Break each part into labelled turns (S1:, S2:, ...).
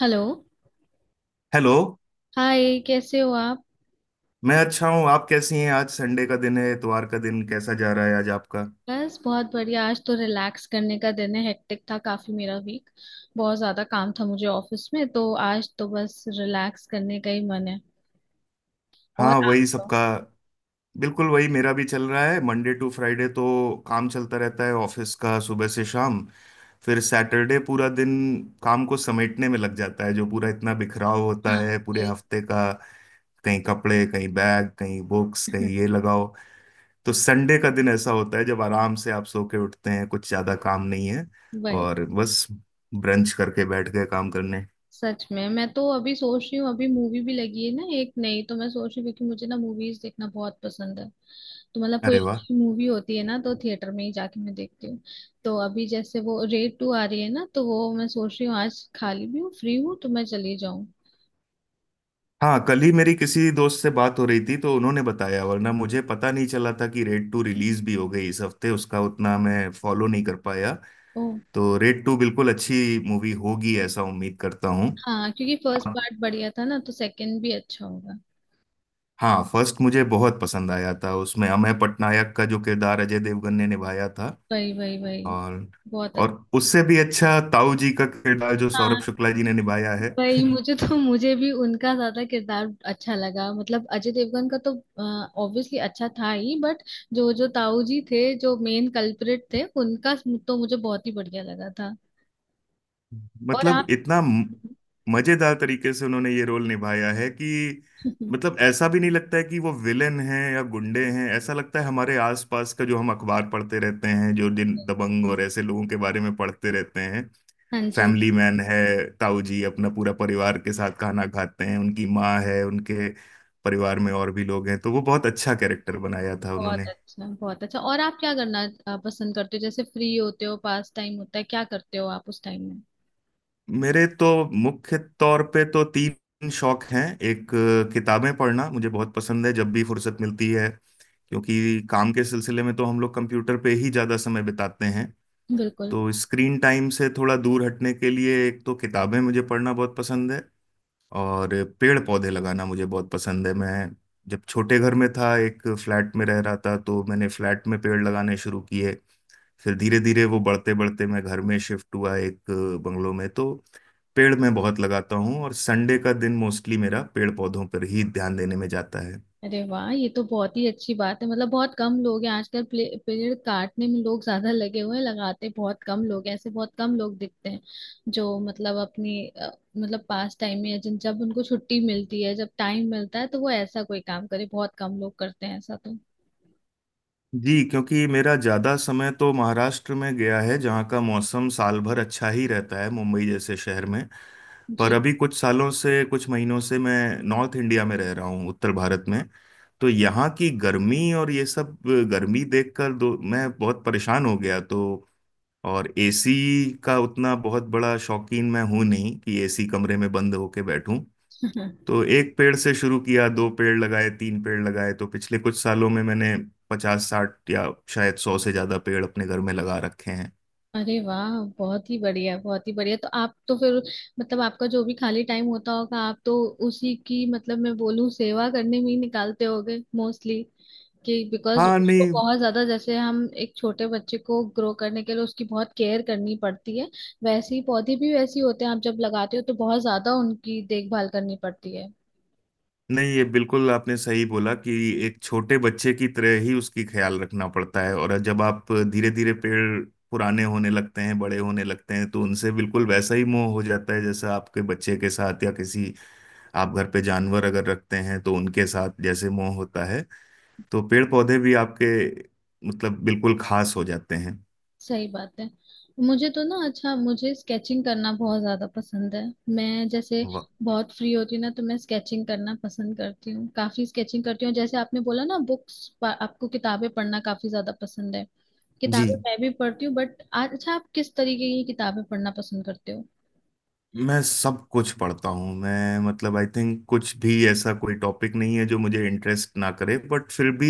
S1: Hello.
S2: Hello.
S1: Hi, कैसे हो आप?
S2: मैं अच्छा हूँ। आप कैसी हैं? आज संडे का दिन है, इतवार का दिन कैसा जा रहा है आज आपका?
S1: बस बहुत बढ़िया। आज तो रिलैक्स करने का दिन है। हेक्टिक था काफी मेरा वीक। बहुत ज्यादा काम था मुझे ऑफिस में, तो आज तो बस रिलैक्स करने का ही मन है। और
S2: हाँ,
S1: आप
S2: वही
S1: तो?
S2: सबका। बिल्कुल वही मेरा भी चल रहा है, मंडे टू फ्राइडे तो काम चलता रहता है ऑफिस का, सुबह से शाम। फिर सैटरडे पूरा दिन काम को समेटने में लग जाता है, जो पूरा इतना बिखराव होता
S1: हाँ,
S2: है पूरे
S1: वही।
S2: हफ्ते का। कहीं कपड़े, कहीं बैग, कहीं बुक्स, कहीं ये लगाओ। तो संडे का दिन ऐसा होता है जब आराम से आप सो के उठते हैं, कुछ ज्यादा काम नहीं है,
S1: वही।
S2: और बस ब्रंच करके बैठ गए काम करने।
S1: सच में, मैं तो अभी सोच रही हूँ, अभी मूवी भी लगी है ना एक नई, तो मैं सोच रही हूँ, क्योंकि मुझे ना मूवीज देखना बहुत पसंद है। तो मतलब कोई
S2: अरे वाह।
S1: अच्छी मूवी होती है ना, तो थिएटर में ही जाके मैं देखती हूँ। तो अभी जैसे वो रेड टू आ रही है ना, तो वो मैं सोच रही हूँ, आज खाली भी हूँ, फ्री हूँ, तो मैं चली जाऊँ।
S2: हाँ, कल ही मेरी किसी दोस्त से बात हो रही थी, तो उन्होंने बताया, वरना मुझे पता नहीं चला था कि रेड टू रिलीज भी हो गई इस हफ्ते। उसका उतना मैं फॉलो नहीं कर पाया।
S1: ओ।
S2: तो रेड टू बिल्कुल अच्छी मूवी होगी, ऐसा उम्मीद करता हूँ।
S1: हाँ, क्योंकि फर्स्ट पार्ट बढ़िया था ना, तो सेकंड भी अच्छा होगा।
S2: हाँ, फर्स्ट मुझे बहुत पसंद आया था। उसमें अमय पटनायक का जो किरदार अजय देवगन ने निभाया था,
S1: वही, वही, वही।
S2: और
S1: बहुत अच्छा।
S2: और उससे भी अच्छा ताऊ जी का किरदार जो
S1: हाँ।
S2: सौरभ शुक्ला जी ने निभाया है।
S1: वही। मुझे भी उनका ज्यादा किरदार अच्छा लगा। मतलब अजय देवगन का तो ऑब्वियसली अच्छा था ही, बट जो जो ताऊ जी थे, जो मेन कल्प्रिट थे, उनका तो मुझे बहुत ही बढ़िया लगा था। और
S2: मतलब
S1: आप?
S2: इतना मजेदार तरीके से उन्होंने ये रोल निभाया है कि, मतलब ऐसा भी नहीं लगता है कि वो विलेन हैं या गुंडे हैं। ऐसा लगता है हमारे आसपास का, जो हम अखबार पढ़ते रहते हैं, जो दिन दबंग और ऐसे लोगों के बारे में पढ़ते रहते हैं।
S1: हाँ जी।
S2: फैमिली मैन है ताऊ जी, अपना पूरा परिवार के साथ खाना खाते हैं, उनकी माँ है, उनके परिवार में और भी लोग हैं। तो वो बहुत अच्छा कैरेक्टर बनाया था
S1: बहुत
S2: उन्होंने।
S1: अच्छा, बहुत अच्छा। और आप क्या करना पसंद करते हो? जैसे फ्री होते हो, पास टाइम होता है, क्या करते हो आप उस टाइम में?
S2: मेरे तो मुख्य तौर पे तो तीन शौक हैं। एक किताबें पढ़ना मुझे बहुत पसंद है, जब भी फुर्सत मिलती है, क्योंकि काम के सिलसिले में तो हम लोग कंप्यूटर पे ही ज़्यादा समय बिताते हैं।
S1: बिल्कुल।
S2: तो स्क्रीन टाइम से थोड़ा दूर हटने के लिए एक तो किताबें मुझे पढ़ना बहुत पसंद है। और पेड़ पौधे लगाना मुझे बहुत पसंद है। मैं जब छोटे घर में था, एक फ्लैट में रह रहा था, तो मैंने फ्लैट में पेड़ लगाने शुरू किए। फिर धीरे धीरे वो बढ़ते बढ़ते मैं घर में शिफ्ट हुआ, एक बंगलों में। तो पेड़ मैं बहुत लगाता हूँ, और संडे का दिन मोस्टली मेरा पेड़ पौधों पर ही ध्यान देने में जाता है।
S1: अरे वाह, ये तो बहुत ही अच्छी बात है। मतलब बहुत कम लोग हैं आजकल। पेड़ काटने में लोग ज्यादा लगे हुए हैं, लगाते बहुत कम लोग हैं। ऐसे बहुत कम लोग दिखते हैं जो मतलब अपनी मतलब पास टाइम में, या जिन जब उनको छुट्टी मिलती है, जब टाइम मिलता है, तो वो ऐसा कोई काम करे, बहुत कम लोग करते हैं ऐसा तो।
S2: जी, क्योंकि मेरा ज़्यादा समय तो महाराष्ट्र में गया है, जहाँ का मौसम साल भर अच्छा ही रहता है, मुंबई जैसे शहर में। पर
S1: जी।
S2: अभी कुछ सालों से, कुछ महीनों से मैं नॉर्थ इंडिया में रह रहा हूँ, उत्तर भारत में। तो यहाँ की गर्मी और ये सब गर्मी देखकर दो मैं बहुत परेशान हो गया। तो और एसी का उतना बहुत बड़ा शौकीन मैं हूं नहीं, कि एसी कमरे में बंद होके बैठूं। तो एक पेड़ से शुरू किया, दो पेड़ लगाए, तीन पेड़ लगाए, तो पिछले कुछ सालों में मैंने पचास साठ या शायद सौ से ज्यादा पेड़ अपने घर में लगा रखे हैं।
S1: अरे वाह, बहुत ही बढ़िया, बहुत ही बढ़िया। तो आप तो फिर, मतलब आपका जो भी खाली टाइम होता होगा, आप तो उसी की, मतलब मैं बोलूं, सेवा करने में ही निकालते होगे मोस्टली। कि बिकॉज
S2: हाँ।
S1: उसको
S2: नहीं,
S1: बहुत ज्यादा, जैसे हम एक छोटे बच्चे को ग्रो करने के लिए उसकी बहुत केयर करनी पड़ती है, वैसे ही पौधे भी वैसे ही होते हैं। आप जब लगाते हो तो बहुत ज्यादा उनकी देखभाल करनी पड़ती है।
S2: नहीं, ये बिल्कुल आपने सही बोला, कि एक छोटे बच्चे की तरह ही उसकी ख्याल रखना पड़ता है। और जब आप धीरे धीरे पेड़ पुराने होने लगते हैं, बड़े होने लगते हैं, तो उनसे बिल्कुल वैसा ही मोह हो जाता है जैसा आपके बच्चे के साथ, या किसी, आप घर पे जानवर अगर रखते हैं तो उनके साथ जैसे मोह होता है। तो पेड़ पौधे भी आपके, मतलब बिल्कुल खास हो जाते हैं।
S1: सही बात है। मुझे तो ना, अच्छा, मुझे स्केचिंग करना बहुत ज्यादा पसंद है। मैं जैसे
S2: वाह।
S1: बहुत फ्री होती हूँ ना, तो मैं स्केचिंग करना पसंद करती हूँ, काफी स्केचिंग करती हूँ। जैसे आपने बोला ना, बुक्स, आपको किताबें पढ़ना काफी ज्यादा पसंद है। किताबें
S2: जी,
S1: मैं भी पढ़ती हूँ, बट अच्छा, आप किस तरीके की किताबें पढ़ना पसंद करते हो?
S2: मैं सब कुछ पढ़ता हूँ। मैं मतलब आई थिंक कुछ भी ऐसा कोई टॉपिक नहीं है जो मुझे इंटरेस्ट ना करे, बट फिर भी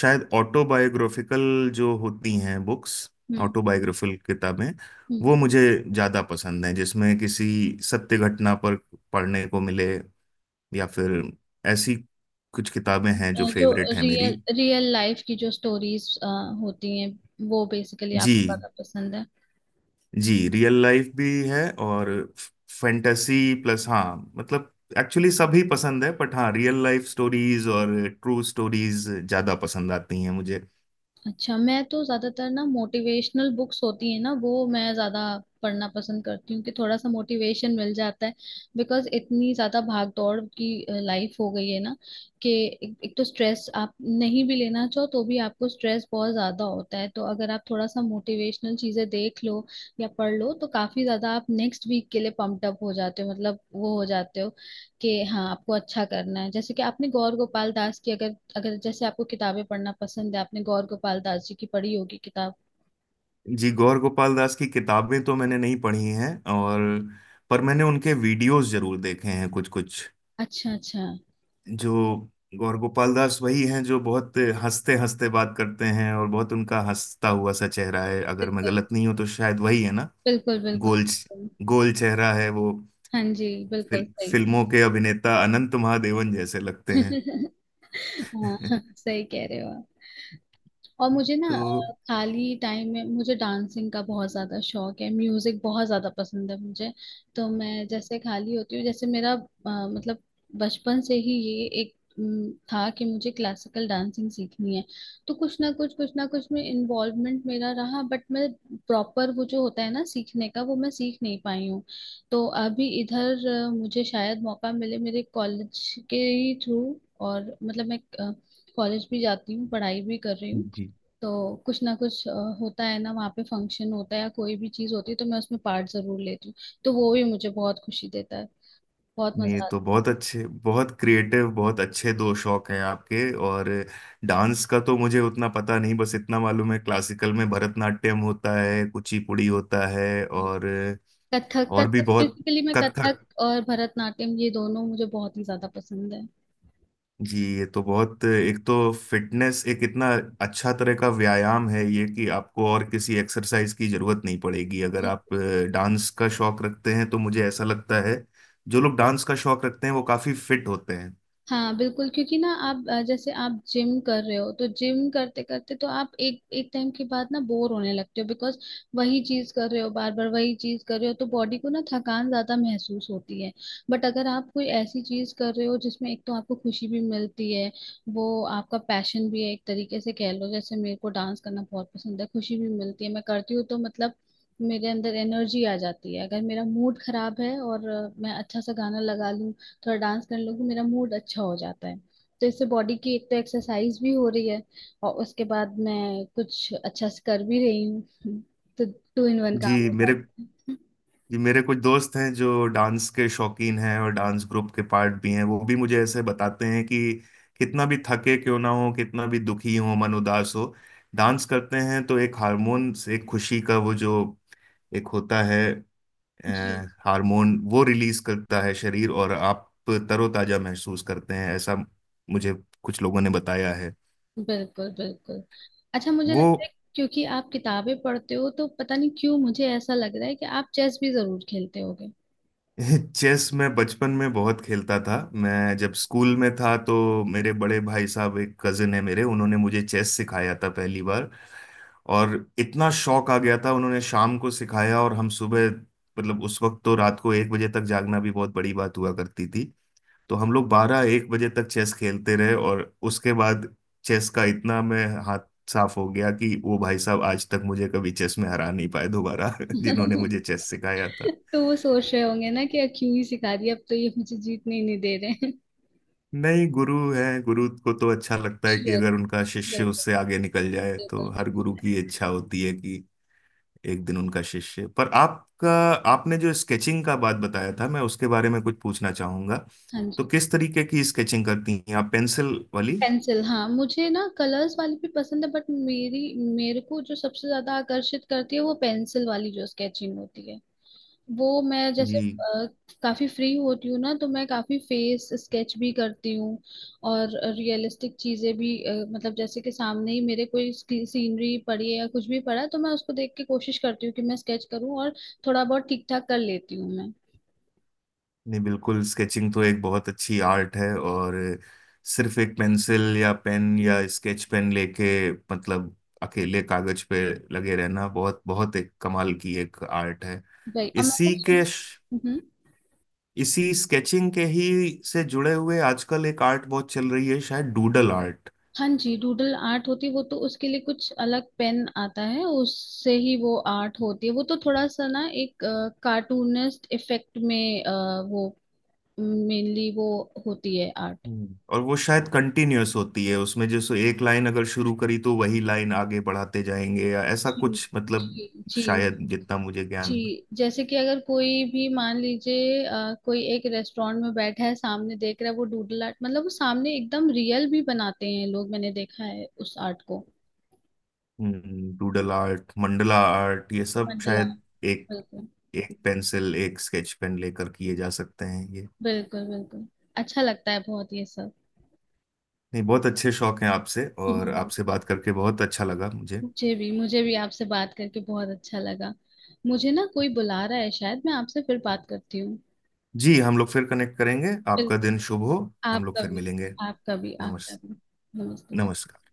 S2: शायद ऑटोबायोग्राफिकल जो होती हैं बुक्स,
S1: हम्म।
S2: ऑटोबायोग्राफिकल किताबें,
S1: हम्म।
S2: वो मुझे ज़्यादा पसंद हैं, जिसमें किसी सत्य घटना पर पढ़ने को मिले, या फिर ऐसी कुछ किताबें
S1: अ,
S2: हैं जो
S1: जो
S2: फेवरेट है मेरी।
S1: रियल रियल लाइफ की जो स्टोरीज होती हैं, वो बेसिकली आपको
S2: जी।
S1: ज्यादा पसंद है?
S2: जी, रियल लाइफ भी है, और फैंटेसी प्लस, हाँ, मतलब एक्चुअली सभी पसंद है, बट हाँ, रियल लाइफ स्टोरीज और ट्रू स्टोरीज ज्यादा पसंद आती हैं मुझे।
S1: अच्छा, मैं तो ज्यादातर ना, मोटिवेशनल बुक्स होती है ना, वो मैं ज्यादा पढ़ना पसंद करती हूँ, कि थोड़ा सा मोटिवेशन मिल जाता है। बिकॉज इतनी ज्यादा भाग दौड़ की लाइफ हो गई है ना, कि एक तो स्ट्रेस आप नहीं भी लेना चाहो तो भी आपको स्ट्रेस बहुत ज्यादा होता है, तो अगर आप थोड़ा सा मोटिवेशनल चीजें देख लो या पढ़ लो, तो काफी ज्यादा आप नेक्स्ट वीक के लिए पम्प्ड अप हो जाते हो, मतलब वो हो जाते हो कि हाँ, आपको अच्छा करना है। जैसे कि आपने गौर गोपाल दास की, अगर अगर जैसे आपको किताबें पढ़ना पसंद है, आपने गौर गोपाल दास जी की पढ़ी होगी किताब।
S2: जी, गौर गोपाल दास की किताबें तो मैंने नहीं पढ़ी हैं, और पर मैंने उनके वीडियोस जरूर देखे हैं, कुछ कुछ।
S1: अच्छा, अच्छा।
S2: जो गौर गोपाल दास, वही हैं जो बहुत हंसते हंसते बात करते हैं, और बहुत उनका हंसता हुआ सा चेहरा है, अगर मैं
S1: बिल्कुल,
S2: गलत नहीं हूं तो शायद वही है ना,
S1: बिल्कुल, बिल्कुल।
S2: गोल गोल चेहरा है वो।
S1: हाँ जी, बिल्कुल सही।
S2: फिल्मों के अभिनेता अनंत महादेवन जैसे लगते हैं।
S1: हाँ। सही कह रहे हो आप। और मुझे ना
S2: तो
S1: खाली टाइम में मुझे डांसिंग का बहुत ज़्यादा शौक है, म्यूज़िक बहुत ज़्यादा पसंद है मुझे। तो मैं जैसे खाली होती हूँ, जैसे मेरा मतलब बचपन से ही ये एक था कि मुझे क्लासिकल डांसिंग सीखनी है। तो कुछ ना कुछ में इन्वॉल्वमेंट मेरा रहा, बट मैं प्रॉपर वो जो होता है ना सीखने का, वो मैं सीख नहीं पाई हूँ। तो अभी इधर मुझे शायद मौका मिले मेरे कॉलेज के ही थ्रू। और मतलब मैं कॉलेज भी जाती हूँ, पढ़ाई भी कर रही हूँ।
S2: जी,
S1: तो कुछ ना कुछ होता है ना वहाँ पे, फंक्शन होता है या कोई भी चीज होती है, तो मैं उसमें पार्ट जरूर लेती हूँ। तो वो भी मुझे बहुत खुशी देता है। बहुत
S2: नहीं
S1: मजा
S2: तो
S1: आता है।
S2: बहुत अच्छे, बहुत क्रिएटिव, बहुत अच्छे दो शौक हैं आपके। और डांस का तो मुझे उतना पता नहीं, बस इतना मालूम है क्लासिकल में भरतनाट्यम होता है, कुचिपुड़ी होता है,
S1: हाँ। कथक,
S2: और भी
S1: कथक,
S2: बहुत,
S1: बेसिकली मैं
S2: कथक।
S1: कथक और भरतनाट्यम, ये दोनों मुझे बहुत ही ज्यादा पसंद है।
S2: जी, ये तो बहुत, एक तो फिटनेस, एक इतना अच्छा तरह का व्यायाम है ये, कि आपको और किसी एक्सरसाइज की जरूरत नहीं पड़ेगी अगर आप डांस का शौक रखते हैं, तो मुझे ऐसा लगता है जो लोग डांस का शौक रखते हैं वो काफी फिट होते हैं।
S1: हाँ बिल्कुल, क्योंकि ना आप जैसे आप जिम कर रहे हो, तो जिम करते करते तो आप एक एक टाइम के बाद ना बोर होने लगते हो, बिकॉज वही चीज कर रहे हो, बार बार वही चीज कर रहे हो, तो बॉडी को ना थकान ज्यादा महसूस होती है। बट अगर आप कोई ऐसी चीज कर रहे हो जिसमें एक तो आपको खुशी भी मिलती है, वो आपका पैशन भी है एक तरीके से कह लो, जैसे मेरे को डांस करना बहुत पसंद है, खुशी भी मिलती है, मैं करती हूँ, तो मतलब मेरे अंदर एनर्जी आ जाती है। अगर मेरा मूड खराब है और मैं अच्छा सा गाना लगा लूँ, थोड़ा डांस कर लूँ, मेरा मूड अच्छा हो जाता है। तो इससे बॉडी की एक तो एक्सरसाइज भी हो रही है, और उसके बाद मैं कुछ अच्छा से कर भी रही हूँ। तो टू इन वन
S2: जी
S1: काम हो
S2: मेरे,
S1: जाता है।
S2: जी मेरे कुछ दोस्त हैं जो डांस के शौकीन हैं और डांस ग्रुप के पार्ट भी हैं, वो भी मुझे ऐसे बताते हैं कि कितना भी थके क्यों ना हो, कितना भी दुखी हो, मन उदास हो, डांस करते हैं तो एक हार्मोन से एक खुशी का वो जो एक होता है, अ,
S1: जी,
S2: हार्मोन वो रिलीज करता है शरीर, और आप तरोताजा महसूस करते हैं, ऐसा मुझे कुछ लोगों ने बताया है।
S1: बिल्कुल, बिल्कुल। अच्छा, मुझे
S2: वो
S1: लगता है, क्योंकि आप किताबें पढ़ते हो, तो पता नहीं क्यों मुझे ऐसा लग रहा है कि आप चेस भी जरूर खेलते होगे।
S2: चेस मैं बचपन में बहुत खेलता था। मैं जब स्कूल में था, तो मेरे बड़े भाई साहब, एक कजिन है मेरे, उन्होंने मुझे चेस सिखाया था पहली बार। और इतना शौक आ गया था, उन्होंने शाम को सिखाया और हम सुबह, मतलब उस वक्त तो रात को एक बजे तक जागना भी बहुत बड़ी बात हुआ करती थी, तो हम लोग बारह एक बजे तक चेस खेलते रहे। और उसके बाद चेस का इतना मैं हाथ साफ हो गया कि वो भाई साहब आज तक मुझे कभी चेस में हरा नहीं पाए दोबारा, जिन्होंने मुझे चेस सिखाया।
S1: तो वो सोच रहे होंगे ना कि क्यों ही सिखा दिया, अब तो ये मुझे जीतने ही नहीं दे रहे हैं।
S2: नहीं, गुरु है, गुरु को तो अच्छा लगता है कि
S1: श्योर,
S2: अगर उनका शिष्य
S1: बिल्कुल,
S2: उससे आगे निकल जाए, तो
S1: बिल्कुल।
S2: हर गुरु की इच्छा होती है कि एक दिन उनका शिष्य, पर आपका, आपने जो स्केचिंग का बात बताया था मैं उसके बारे में कुछ पूछना चाहूंगा।
S1: हाँ
S2: तो
S1: जी।
S2: किस तरीके की स्केचिंग करती हैं आप, पेंसिल वाली?
S1: पेंसिल। हाँ, मुझे ना कलर्स वाली भी पसंद है, बट मेरी, मेरे को जो सबसे ज्यादा आकर्षित करती है वो पेंसिल वाली जो स्केचिंग होती है, वो मैं जैसे
S2: जी,
S1: काफी फ्री होती हूँ ना, तो मैं काफी फेस स्केच भी करती हूँ। और रियलिस्टिक चीजें भी मतलब जैसे कि सामने ही मेरे कोई सीनरी पड़ी है या कुछ भी पड़ा है, तो मैं उसको देख के कोशिश करती हूँ कि मैं स्केच करूँ, और थोड़ा बहुत ठीक ठाक कर लेती हूँ मैं।
S2: नहीं, बिल्कुल, स्केचिंग तो एक बहुत अच्छी आर्ट है। और सिर्फ एक पेंसिल या पेन या स्केच पेन लेके, मतलब अकेले कागज पे लगे रहना, बहुत बहुत एक कमाल की एक आर्ट है।
S1: भाई, और मैं
S2: इसी
S1: कुछ।
S2: के, इसी स्केचिंग के ही से जुड़े हुए आजकल एक आर्ट बहुत चल रही है, शायद डूडल आर्ट।
S1: हाँ जी, डूडल आर्ट होती है वो तो। उसके लिए कुछ अलग पेन आता है, उससे ही वो आर्ट होती है। वो तो थोड़ा सा ना, एक कार्टूनिस्ट इफेक्ट में वो मेनली वो होती है आर्ट।
S2: हम्म, और वो शायद कंटिन्यूअस होती है, उसमें जैसे एक लाइन अगर शुरू करी तो वही लाइन आगे बढ़ाते जाएंगे, या ऐसा
S1: जी,
S2: कुछ, मतलब
S1: जी। जी,
S2: शायद जितना मुझे
S1: जी
S2: ज्ञान है।
S1: जैसे कि अगर कोई भी मान लीजिए, कोई एक रेस्टोरेंट में बैठा है, सामने देख रहा है, वो डूडल आर्ट, मतलब वो सामने एकदम रियल भी बनाते हैं लोग, मैंने देखा है उस आर्ट को।
S2: डूडल आर्ट, मंडला आर्ट, ये सब
S1: मंडला।
S2: शायद एक
S1: बिल्कुल,
S2: एक पेंसिल, एक स्केच पेन लेकर किए जा सकते हैं ये।
S1: बिल्कुल, बिल्कुल। अच्छा लगता है बहुत ये सब।
S2: नहीं, बहुत अच्छे शौक हैं आपसे, और आपसे बात करके बहुत अच्छा लगा मुझे।
S1: मुझे भी, मुझे भी आपसे बात करके बहुत अच्छा लगा। मुझे ना कोई बुला रहा है, शायद मैं आपसे फिर बात करती हूँ।
S2: जी, हम लोग फिर कनेक्ट करेंगे, आपका
S1: बिल्कुल।
S2: दिन शुभ हो। हम लोग
S1: आपका
S2: फिर
S1: भी,
S2: मिलेंगे।
S1: आपका भी। आपका
S2: नमस्ते।
S1: भी। नमस्ते, बाय।
S2: नमस्कार।